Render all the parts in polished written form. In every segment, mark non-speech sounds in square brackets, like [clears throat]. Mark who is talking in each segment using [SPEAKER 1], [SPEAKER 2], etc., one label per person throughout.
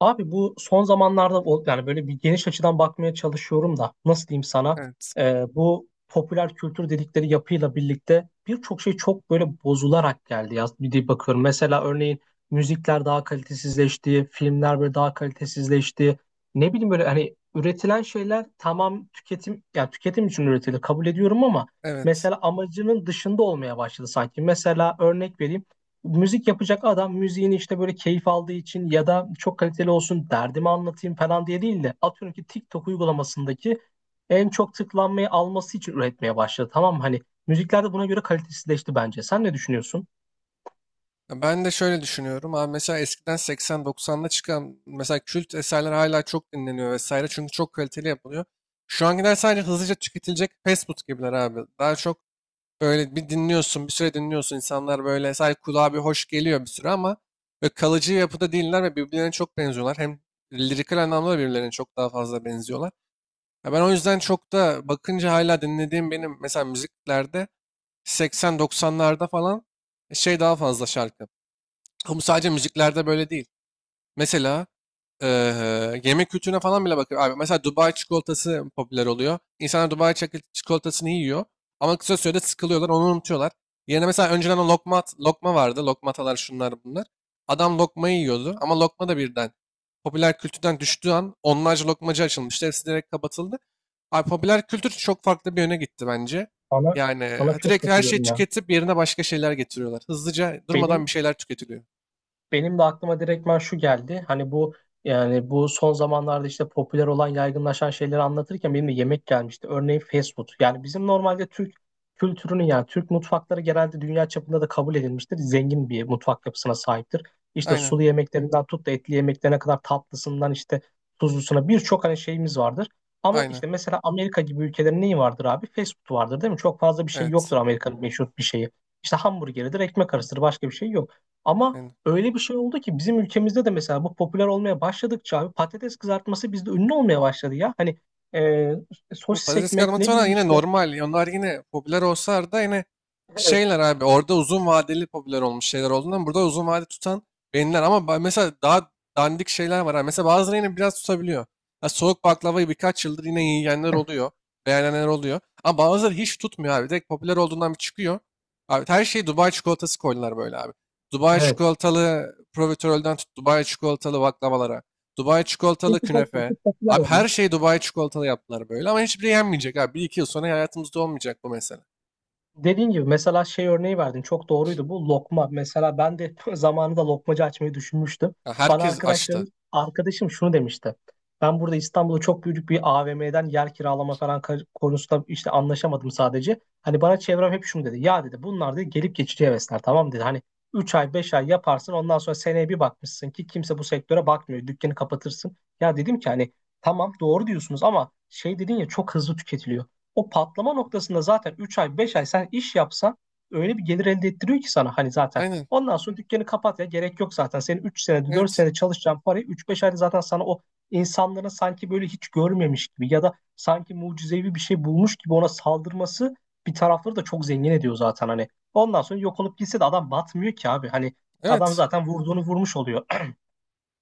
[SPEAKER 1] Abi bu son zamanlarda yani böyle bir geniş açıdan bakmaya çalışıyorum da nasıl diyeyim sana,
[SPEAKER 2] Evet.
[SPEAKER 1] bu popüler kültür dedikleri yapıyla birlikte birçok şey çok böyle bozularak geldi ya bir de bakıyorum. Mesela örneğin müzikler daha kalitesizleşti, filmler böyle daha kalitesizleşti. Ne bileyim böyle hani üretilen şeyler tamam, tüketim yani tüketim için üretilir, kabul ediyorum ama
[SPEAKER 2] Evet.
[SPEAKER 1] mesela amacının dışında olmaya başladı sanki. Mesela örnek vereyim, müzik yapacak adam müziğini işte böyle keyif aldığı için ya da çok kaliteli olsun, derdimi anlatayım falan diye değil de atıyorum ki TikTok uygulamasındaki en çok tıklanmayı alması için üretmeye başladı. Tamam mı? Hani müzikler de buna göre kalitesizleşti bence. Sen ne düşünüyorsun?
[SPEAKER 2] Ben de şöyle düşünüyorum. Abi mesela eskiden 80-90'da çıkan mesela kült eserler hala çok dinleniyor vesaire. Çünkü çok kaliteli yapılıyor. Şu ankiler sadece hızlıca tüketilecek fast food gibiler abi. Daha çok böyle bir dinliyorsun, bir süre dinliyorsun. İnsanlar böyle sadece kulağa bir hoş geliyor bir süre ama böyle kalıcı yapıda değiller ve birbirlerine çok benziyorlar. Hem lirikal anlamda da birbirlerine çok daha fazla benziyorlar. Ya ben o yüzden çok da bakınca hala dinlediğim benim mesela müziklerde 80-90'larda falan daha fazla şarkı. Ama sadece müziklerde böyle değil. Mesela yemek kültürüne falan bile bakıyor. Abi, mesela Dubai çikolatası popüler oluyor. İnsanlar Dubai çikolatasını yiyor ama kısa sürede sıkılıyorlar, onu unutuyorlar. Yerine mesela önceden o lokma, lokma vardı. Lokmatalar şunlar bunlar. Adam lokmayı yiyordu ama lokma da birden popüler kültürden düştüğü an onlarca lokmacı açılmıştı. Hepsi direkt kapatıldı. Abi popüler kültür çok farklı bir yöne gitti bence.
[SPEAKER 1] Sana,
[SPEAKER 2] Yani
[SPEAKER 1] sana
[SPEAKER 2] e,
[SPEAKER 1] çok
[SPEAKER 2] direkt her şeyi
[SPEAKER 1] katılıyorum ya.
[SPEAKER 2] tüketip yerine başka şeyler getiriyorlar. Hızlıca durmadan
[SPEAKER 1] Benim
[SPEAKER 2] bir şeyler tüketiliyor.
[SPEAKER 1] Benim de aklıma direktmen şu geldi. Hani bu son zamanlarda işte popüler olan, yaygınlaşan şeyleri anlatırken benim de yemek gelmişti. Örneğin fast food. Yani bizim normalde Türk kültürünün, yani Türk mutfakları genelde dünya çapında da kabul edilmiştir. Zengin bir mutfak yapısına sahiptir. İşte
[SPEAKER 2] Aynen,
[SPEAKER 1] sulu yemeklerinden tut da etli yemeklerine kadar, tatlısından işte tuzlusuna birçok hani şeyimiz vardır. Ama
[SPEAKER 2] aynen.
[SPEAKER 1] işte mesela Amerika gibi ülkelerin neyi vardır abi? Fast food vardır değil mi? Çok fazla bir şey
[SPEAKER 2] Evet.
[SPEAKER 1] yoktur Amerika'nın meşhur bir şeyi. İşte hamburgeridir, ekmek arasıdır, başka bir şey yok. Ama
[SPEAKER 2] Yani,
[SPEAKER 1] öyle bir şey oldu ki bizim ülkemizde de mesela bu popüler olmaya başladıkça abi patates kızartması bizde ünlü olmaya başladı ya. Hani e,
[SPEAKER 2] bu
[SPEAKER 1] sosis
[SPEAKER 2] patates
[SPEAKER 1] ekmek,
[SPEAKER 2] kızartması
[SPEAKER 1] ne
[SPEAKER 2] falan
[SPEAKER 1] bileyim
[SPEAKER 2] yine
[SPEAKER 1] işte.
[SPEAKER 2] normal. Onlar yine popüler olsalar da yine
[SPEAKER 1] Evet.
[SPEAKER 2] abi orada uzun vadeli popüler olmuş şeyler olduğundan burada uzun vade tutan beğeniler. Ama mesela daha dandik şeyler var. Ha, mesela bazıları yine biraz tutabiliyor. Ha, soğuk baklavayı birkaç yıldır yine yiyenler
[SPEAKER 1] [laughs]
[SPEAKER 2] oluyor. Beğenenler oluyor. Ama bazıları hiç tutmuyor abi. Direkt popüler olduğundan bir çıkıyor. Abi her şeyi Dubai çikolatası koydular böyle abi. Dubai
[SPEAKER 1] Evet.
[SPEAKER 2] çikolatalı profiterolden tut Dubai çikolatalı baklavalara. Dubai çikolatalı
[SPEAKER 1] Çünkü bakıyor
[SPEAKER 2] künefe.
[SPEAKER 1] ki popüler
[SPEAKER 2] Abi
[SPEAKER 1] oldu.
[SPEAKER 2] her şeyi Dubai çikolatalı yaptılar böyle ama hiçbiri yenmeyecek abi. Bir iki yıl sonra hayatımızda olmayacak bu mesele.
[SPEAKER 1] Dediğin gibi mesela şey örneği verdin, çok doğruydu, bu lokma. Mesela ben de [laughs] zamanında lokmacı açmayı düşünmüştüm.
[SPEAKER 2] Ya
[SPEAKER 1] Bana
[SPEAKER 2] herkes
[SPEAKER 1] arkadaşlarım,
[SPEAKER 2] açtı.
[SPEAKER 1] arkadaşım şunu demişti. Ben burada İstanbul'da çok büyük bir AVM'den yer kiralama falan konusunda işte anlaşamadım sadece. Hani bana çevrem hep şunu dedi. Ya dedi, bunlar dedi gelip geçici hevesler, tamam dedi. Hani 3 ay 5 ay yaparsın, ondan sonra seneye bir bakmışsın ki kimse bu sektöre bakmıyor. Dükkanı kapatırsın. Ya dedim ki hani tamam, doğru diyorsunuz ama şey dedin ya, çok hızlı tüketiliyor. O patlama noktasında zaten 3 ay 5 ay sen iş yapsan öyle bir gelir elde ettiriyor ki sana, hani zaten.
[SPEAKER 2] Aynen.
[SPEAKER 1] Ondan sonra dükkanı kapat ya, gerek yok zaten. Senin 3 senede 4
[SPEAKER 2] Evet.
[SPEAKER 1] senede çalışacağın parayı üç beş ayda zaten sana o insanların sanki böyle hiç görmemiş gibi ya da sanki mucizevi bir şey bulmuş gibi ona saldırması bir tarafları da çok zengin ediyor zaten hani. Ondan sonra yok olup gitse de adam batmıyor ki abi. Hani adam
[SPEAKER 2] Evet.
[SPEAKER 1] zaten vurduğunu vurmuş oluyor.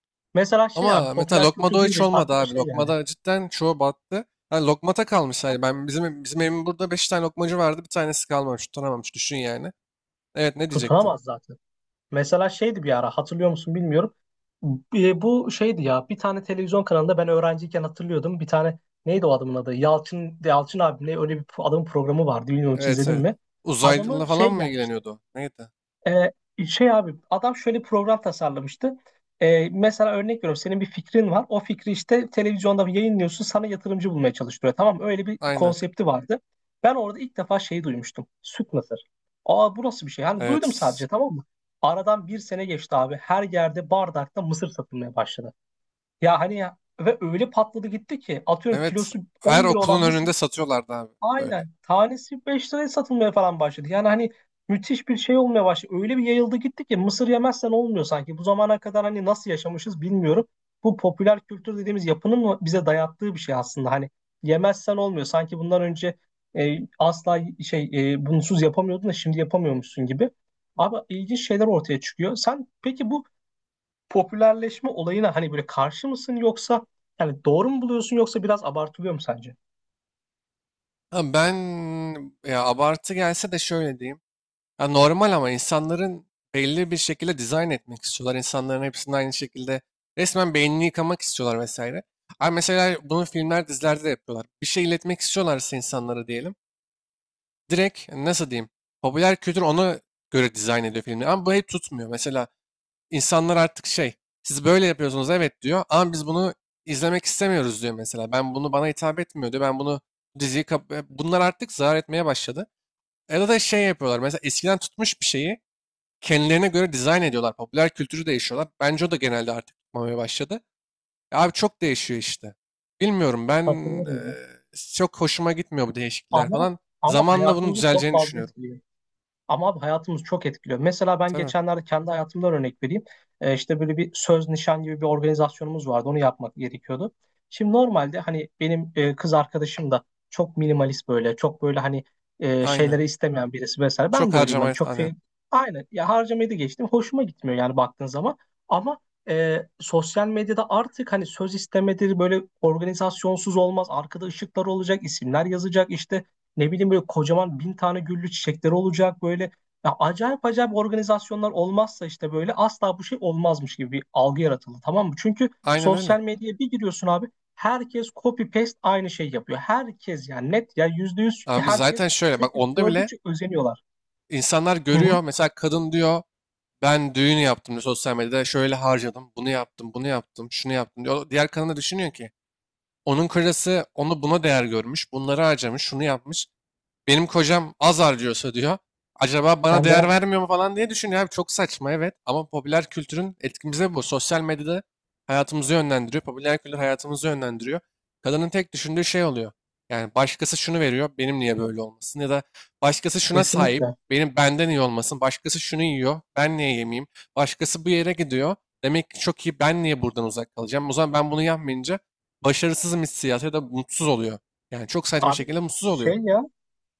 [SPEAKER 1] [clears throat] Mesela şey abi,
[SPEAKER 2] Ama mesela
[SPEAKER 1] popüler
[SPEAKER 2] lokmada
[SPEAKER 1] kültür
[SPEAKER 2] o hiç
[SPEAKER 1] deyince
[SPEAKER 2] olmadı
[SPEAKER 1] aklıma
[SPEAKER 2] abi.
[SPEAKER 1] şey geldi.
[SPEAKER 2] Lokmada cidden çoğu battı. Yani lokmata kalmış yani. Ben bizim evimin burada beş tane lokmacı vardı. Bir tanesi kalmamış, tutunamamış. Düşün yani. Evet, ne diyecektin?
[SPEAKER 1] Tutunamaz zaten. Mesela şeydi, bir ara hatırlıyor musun bilmiyorum. Bu şeydi ya, bir tane televizyon kanalında ben öğrenciyken hatırlıyordum. Bir tane, neydi o adamın adı? Yalçın abimle öyle bir adamın programı vardı. Bilmiyorum, hiç
[SPEAKER 2] Evet,
[SPEAKER 1] izledin
[SPEAKER 2] evet.
[SPEAKER 1] mi?
[SPEAKER 2] Uzaylı
[SPEAKER 1] Adamı
[SPEAKER 2] falan
[SPEAKER 1] şey
[SPEAKER 2] mı
[SPEAKER 1] gelmişti.
[SPEAKER 2] ilgileniyordu o? Neydi?
[SPEAKER 1] Ee, Şey abi, adam şöyle program tasarlamıştı. Mesela örnek veriyorum, senin bir fikrin var. O fikri işte televizyonda yayınlıyorsun, sana yatırımcı bulmaya çalıştırıyor. Tamam mı? Öyle bir
[SPEAKER 2] Aynen.
[SPEAKER 1] konsepti vardı. Ben orada ilk defa şeyi duymuştum. Süt mısır. Aa, bu nasıl bir şey? Hani duydum
[SPEAKER 2] Evet.
[SPEAKER 1] sadece, tamam mı? Aradan bir sene geçti abi. Her yerde bardakta mısır satılmaya başladı. Ya hani ya, ve öyle patladı gitti ki atıyorum
[SPEAKER 2] Evet.
[SPEAKER 1] kilosu
[SPEAKER 2] Her
[SPEAKER 1] 10 lira
[SPEAKER 2] okulun
[SPEAKER 1] olan mısır.
[SPEAKER 2] önünde satıyorlardı abi böyle.
[SPEAKER 1] Aynen. Tanesi 5 liraya satılmaya falan başladı. Yani hani müthiş bir şey olmaya başladı. Öyle bir yayıldı gitti ki mısır yemezsen olmuyor sanki. Bu zamana kadar hani nasıl yaşamışız bilmiyorum. Bu popüler kültür dediğimiz yapının mı bize dayattığı bir şey aslında. Hani yemezsen olmuyor. Sanki bundan önce asla şey bunsuz yapamıyordun da şimdi yapamıyormuşsun gibi. Abi ilginç şeyler ortaya çıkıyor. Sen peki bu popülerleşme olayına hani böyle karşı mısın yoksa yani doğru mu buluyorsun, yoksa biraz abartılıyor mu sence?
[SPEAKER 2] Ha ben, ya abartı gelse de şöyle diyeyim. Ya normal ama insanların belli bir şekilde dizayn etmek istiyorlar. İnsanların hepsinin aynı şekilde resmen beynini yıkamak istiyorlar vesaire. Ama mesela bunu filmler, dizilerde de yapıyorlar. Bir şey iletmek istiyorlarsa insanlara diyelim. Direkt nasıl diyeyim? Popüler kültür ona göre dizayn ediyor filmleri. Ama bu hep tutmuyor. Mesela insanlar artık siz böyle yapıyorsunuz evet diyor. Ama biz bunu izlemek istemiyoruz diyor mesela. Ben bunu bana hitap etmiyor diyor. Ben bunu bunlar artık zarar etmeye başladı. Ya da şey yapıyorlar. Mesela eskiden tutmuş bir şeyi kendilerine göre dizayn ediyorlar. Popüler kültürü değişiyorlar. Bence o da genelde artık tutmamaya başladı. E abi çok değişiyor işte. Bilmiyorum ben,
[SPEAKER 1] Katılıyorum.
[SPEAKER 2] eee, çok hoşuma gitmiyor bu değişiklikler
[SPEAKER 1] Ama
[SPEAKER 2] falan.
[SPEAKER 1] ama
[SPEAKER 2] Zamanla bunun
[SPEAKER 1] hayatımızı çok
[SPEAKER 2] düzeleceğini
[SPEAKER 1] fazla
[SPEAKER 2] düşünüyorum.
[SPEAKER 1] etkiliyor. Ama abi hayatımızı çok etkiliyor. Mesela ben
[SPEAKER 2] Tabii.
[SPEAKER 1] geçenlerde kendi hayatımdan örnek vereyim. İşte böyle bir söz nişan gibi bir organizasyonumuz vardı. Onu yapmak gerekiyordu. Şimdi normalde hani benim kız arkadaşım da çok minimalist böyle, çok böyle hani
[SPEAKER 2] Aynen.
[SPEAKER 1] şeyleri istemeyen birisi vesaire.
[SPEAKER 2] Çok
[SPEAKER 1] Ben de öyleyim
[SPEAKER 2] harcama,
[SPEAKER 1] hani çok
[SPEAKER 2] aynen.
[SPEAKER 1] şey, aynen ya, harcamayı da geçtim. Hoşuma gitmiyor yani baktığın zaman. Ama sosyal medyada artık hani söz istemedir, böyle organizasyonsuz olmaz. Arkada ışıklar olacak, isimler yazacak, işte ne bileyim böyle kocaman bin tane güllü çiçekleri olacak böyle. Ya acayip acayip organizasyonlar olmazsa işte böyle asla bu şey olmazmış gibi bir algı yaratıldı, tamam mı? Çünkü
[SPEAKER 2] Aynen öyle.
[SPEAKER 1] sosyal medyaya bir giriyorsun abi, herkes copy paste aynı şey yapıyor. Herkes, yani net ya, %100
[SPEAKER 2] Abi
[SPEAKER 1] herkes,
[SPEAKER 2] zaten şöyle bak,
[SPEAKER 1] çünkü
[SPEAKER 2] onda bile
[SPEAKER 1] gördükçe özeniyorlar.
[SPEAKER 2] insanlar
[SPEAKER 1] Hı hı.
[SPEAKER 2] görüyor. Mesela kadın diyor ben düğün yaptım diyor sosyal medyada, şöyle harcadım. Bunu yaptım, bunu yaptım, şunu yaptım diyor. Diğer kadın da düşünüyor ki onun karısı onu buna değer görmüş. Bunları harcamış, şunu yapmış. Benim kocam az harcıyorsa diyor. Acaba bana
[SPEAKER 1] Ben de
[SPEAKER 2] değer vermiyor mu falan diye düşünüyor abi. Çok saçma evet ama popüler kültürün etkimize bu. Sosyal medyada hayatımızı yönlendiriyor. Popüler kültür hayatımızı yönlendiriyor. Kadının tek düşündüğü şey oluyor. Yani başkası şunu veriyor, benim niye böyle olmasın? Ya da başkası şuna sahip,
[SPEAKER 1] kesinlikle.
[SPEAKER 2] benim benden iyi olmasın. Başkası şunu yiyor, ben niye yemeyeyim? Başkası bu yere gidiyor. Demek ki çok iyi, ben niye buradan uzak kalacağım? O zaman ben bunu yapmayınca başarısızım hissiyatı ya da mutsuz oluyor. Yani çok saçma
[SPEAKER 1] Abi
[SPEAKER 2] şekilde mutsuz oluyor.
[SPEAKER 1] şey ya,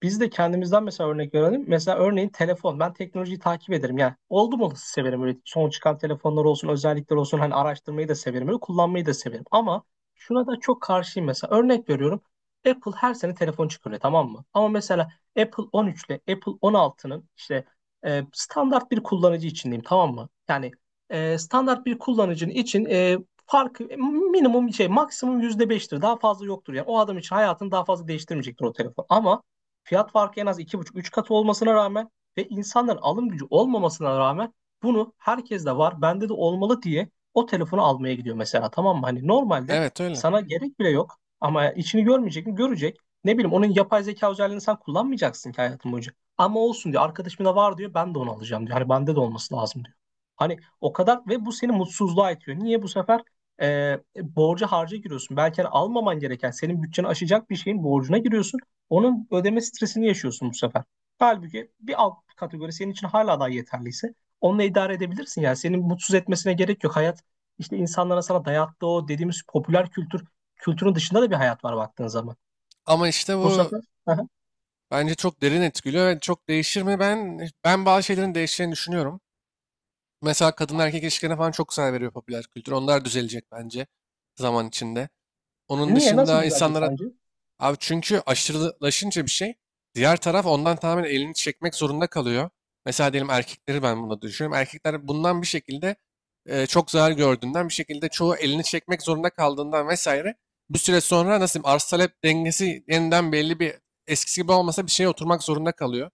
[SPEAKER 1] biz de kendimizden mesela örnek verelim. Mesela örneğin telefon. Ben teknolojiyi takip ederim. Yani oldum olası severim. Öyle son çıkan telefonlar olsun, özellikler olsun. Hani araştırmayı da severim. Öyle kullanmayı da severim. Ama şuna da çok karşıyım mesela. Örnek veriyorum. Apple her sene telefon çıkarıyor, tamam mı? Ama mesela Apple 13 ile Apple 16'nın işte standart bir kullanıcı için diyeyim, tamam mı? Yani standart bir kullanıcının için farkı minimum şey, maksimum %5'tir. Daha fazla yoktur. Yani o adam için hayatını daha fazla değiştirmeyecektir o telefon. Ama fiyat farkı en az 2,5 3 katı olmasına rağmen ve insanların alım gücü olmamasına rağmen bunu, herkes de var, bende de olmalı diye o telefonu almaya gidiyor mesela, tamam mı? Hani normalde
[SPEAKER 2] Evet öyle.
[SPEAKER 1] sana gerek bile yok ama içini görmeyecek mi? Görecek. Ne bileyim onun yapay zeka özelliğini sen kullanmayacaksın ki hayatın boyunca. Ama olsun diyor. Arkadaşımda da var diyor. Ben de onu alacağım diyor. Hani bende de olması lazım diyor. Hani o kadar, ve bu seni mutsuzluğa itiyor. Niye bu sefer borca harca giriyorsun? Belki hani almaman gereken, senin bütçeni aşacak bir şeyin borcuna giriyorsun. Onun ödeme stresini yaşıyorsun bu sefer. Halbuki bir alt kategori senin için hala daha yeterliyse onunla idare edebilirsin. Yani senin mutsuz etmesine gerek yok. Hayat işte, insanlara sana dayattığı o dediğimiz popüler kültürün dışında da bir hayat var baktığın zaman.
[SPEAKER 2] Ama işte
[SPEAKER 1] Bu
[SPEAKER 2] bu
[SPEAKER 1] sefer. Aha.
[SPEAKER 2] bence çok derin etkiliyor ve çok değişir mi? Ben bazı şeylerin değişeceğini düşünüyorum. Mesela kadın erkek ilişkilerine falan çok saygı veriyor popüler kültür. Onlar düzelecek bence zaman içinde. Onun
[SPEAKER 1] Niye, nasıl
[SPEAKER 2] dışında
[SPEAKER 1] düzelecek
[SPEAKER 2] insanlar.
[SPEAKER 1] sence?
[SPEAKER 2] Abi çünkü aşırılaşınca bir şey, diğer taraf ondan tamamen elini çekmek zorunda kalıyor. Mesela diyelim erkekleri ben buna düşünüyorum. Erkekler bundan bir şekilde çok zarar gördüğünden, bir şekilde çoğu elini çekmek zorunda kaldığından vesaire, bir süre sonra nasıl diyeyim arz talep dengesi yeniden belli bir, eskisi gibi olmasa bir şeye oturmak zorunda kalıyor.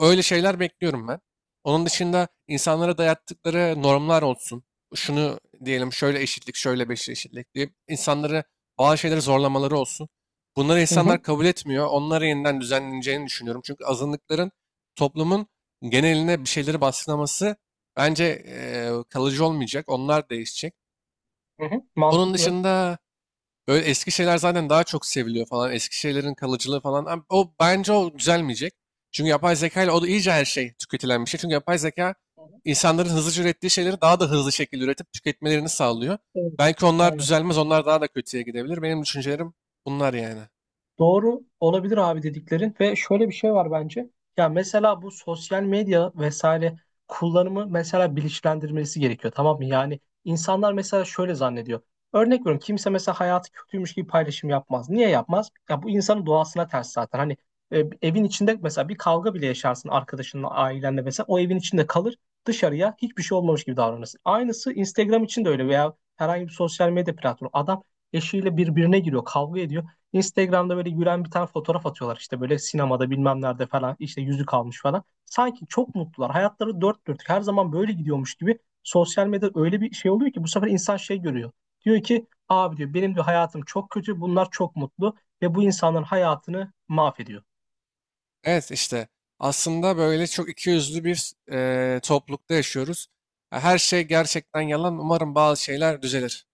[SPEAKER 2] Öyle şeyler bekliyorum ben. Onun dışında insanlara dayattıkları normlar olsun. Şunu diyelim şöyle eşitlik, şöyle beşli eşitlik diye insanları bazı şeyleri zorlamaları olsun. Bunları
[SPEAKER 1] Hı hı.
[SPEAKER 2] insanlar kabul etmiyor. Onları yeniden düzenleneceğini düşünüyorum. Çünkü azınlıkların toplumun geneline bir şeyleri baskılaması bence kalıcı olmayacak. Onlar değişecek.
[SPEAKER 1] Hı hı.
[SPEAKER 2] Onun
[SPEAKER 1] Mantıklı.
[SPEAKER 2] dışında böyle eski şeyler zaten daha çok seviliyor falan. Eski şeylerin kalıcılığı falan. O bence o düzelmeyecek. Çünkü yapay zeka ile o da iyice her şey tüketilen bir şey. Çünkü yapay zeka insanların hızlıca ürettiği şeyleri daha da hızlı şekilde üretip tüketmelerini sağlıyor.
[SPEAKER 1] Evet.
[SPEAKER 2] Belki onlar
[SPEAKER 1] Aynen.
[SPEAKER 2] düzelmez, onlar daha da kötüye gidebilir. Benim düşüncelerim bunlar yani.
[SPEAKER 1] Doğru olabilir abi dediklerin, ve şöyle bir şey var bence. Ya mesela bu sosyal medya vesaire kullanımı mesela bilinçlendirmesi gerekiyor, tamam mı? Yani insanlar mesela şöyle zannediyor. Örnek veriyorum, kimse mesela hayatı kötüymüş gibi paylaşım yapmaz. Niye yapmaz? Ya bu insanın doğasına ters zaten. Hani e, evin içinde mesela bir kavga bile yaşarsın arkadaşınla, ailenle, mesela o evin içinde kalır, dışarıya hiçbir şey olmamış gibi davranırsın. Aynısı Instagram için de öyle, veya herhangi bir sosyal medya platformu. Adam eşiyle birbirine giriyor, kavga ediyor. Instagram'da böyle gülen bir tane fotoğraf atıyorlar, işte böyle sinemada bilmem nerede falan, işte yüzük almış falan. Sanki çok mutlular. Hayatları dört dörtlük her zaman böyle gidiyormuş gibi, sosyal medya öyle bir şey oluyor ki bu sefer insan şey görüyor. Diyor ki abi diyor, benim de hayatım çok kötü, bunlar çok mutlu, ve bu insanların hayatını mahvediyor.
[SPEAKER 2] Evet işte aslında böyle çok ikiyüzlü bir, toplulukta yaşıyoruz. Her şey gerçekten yalan. Umarım bazı şeyler düzelir.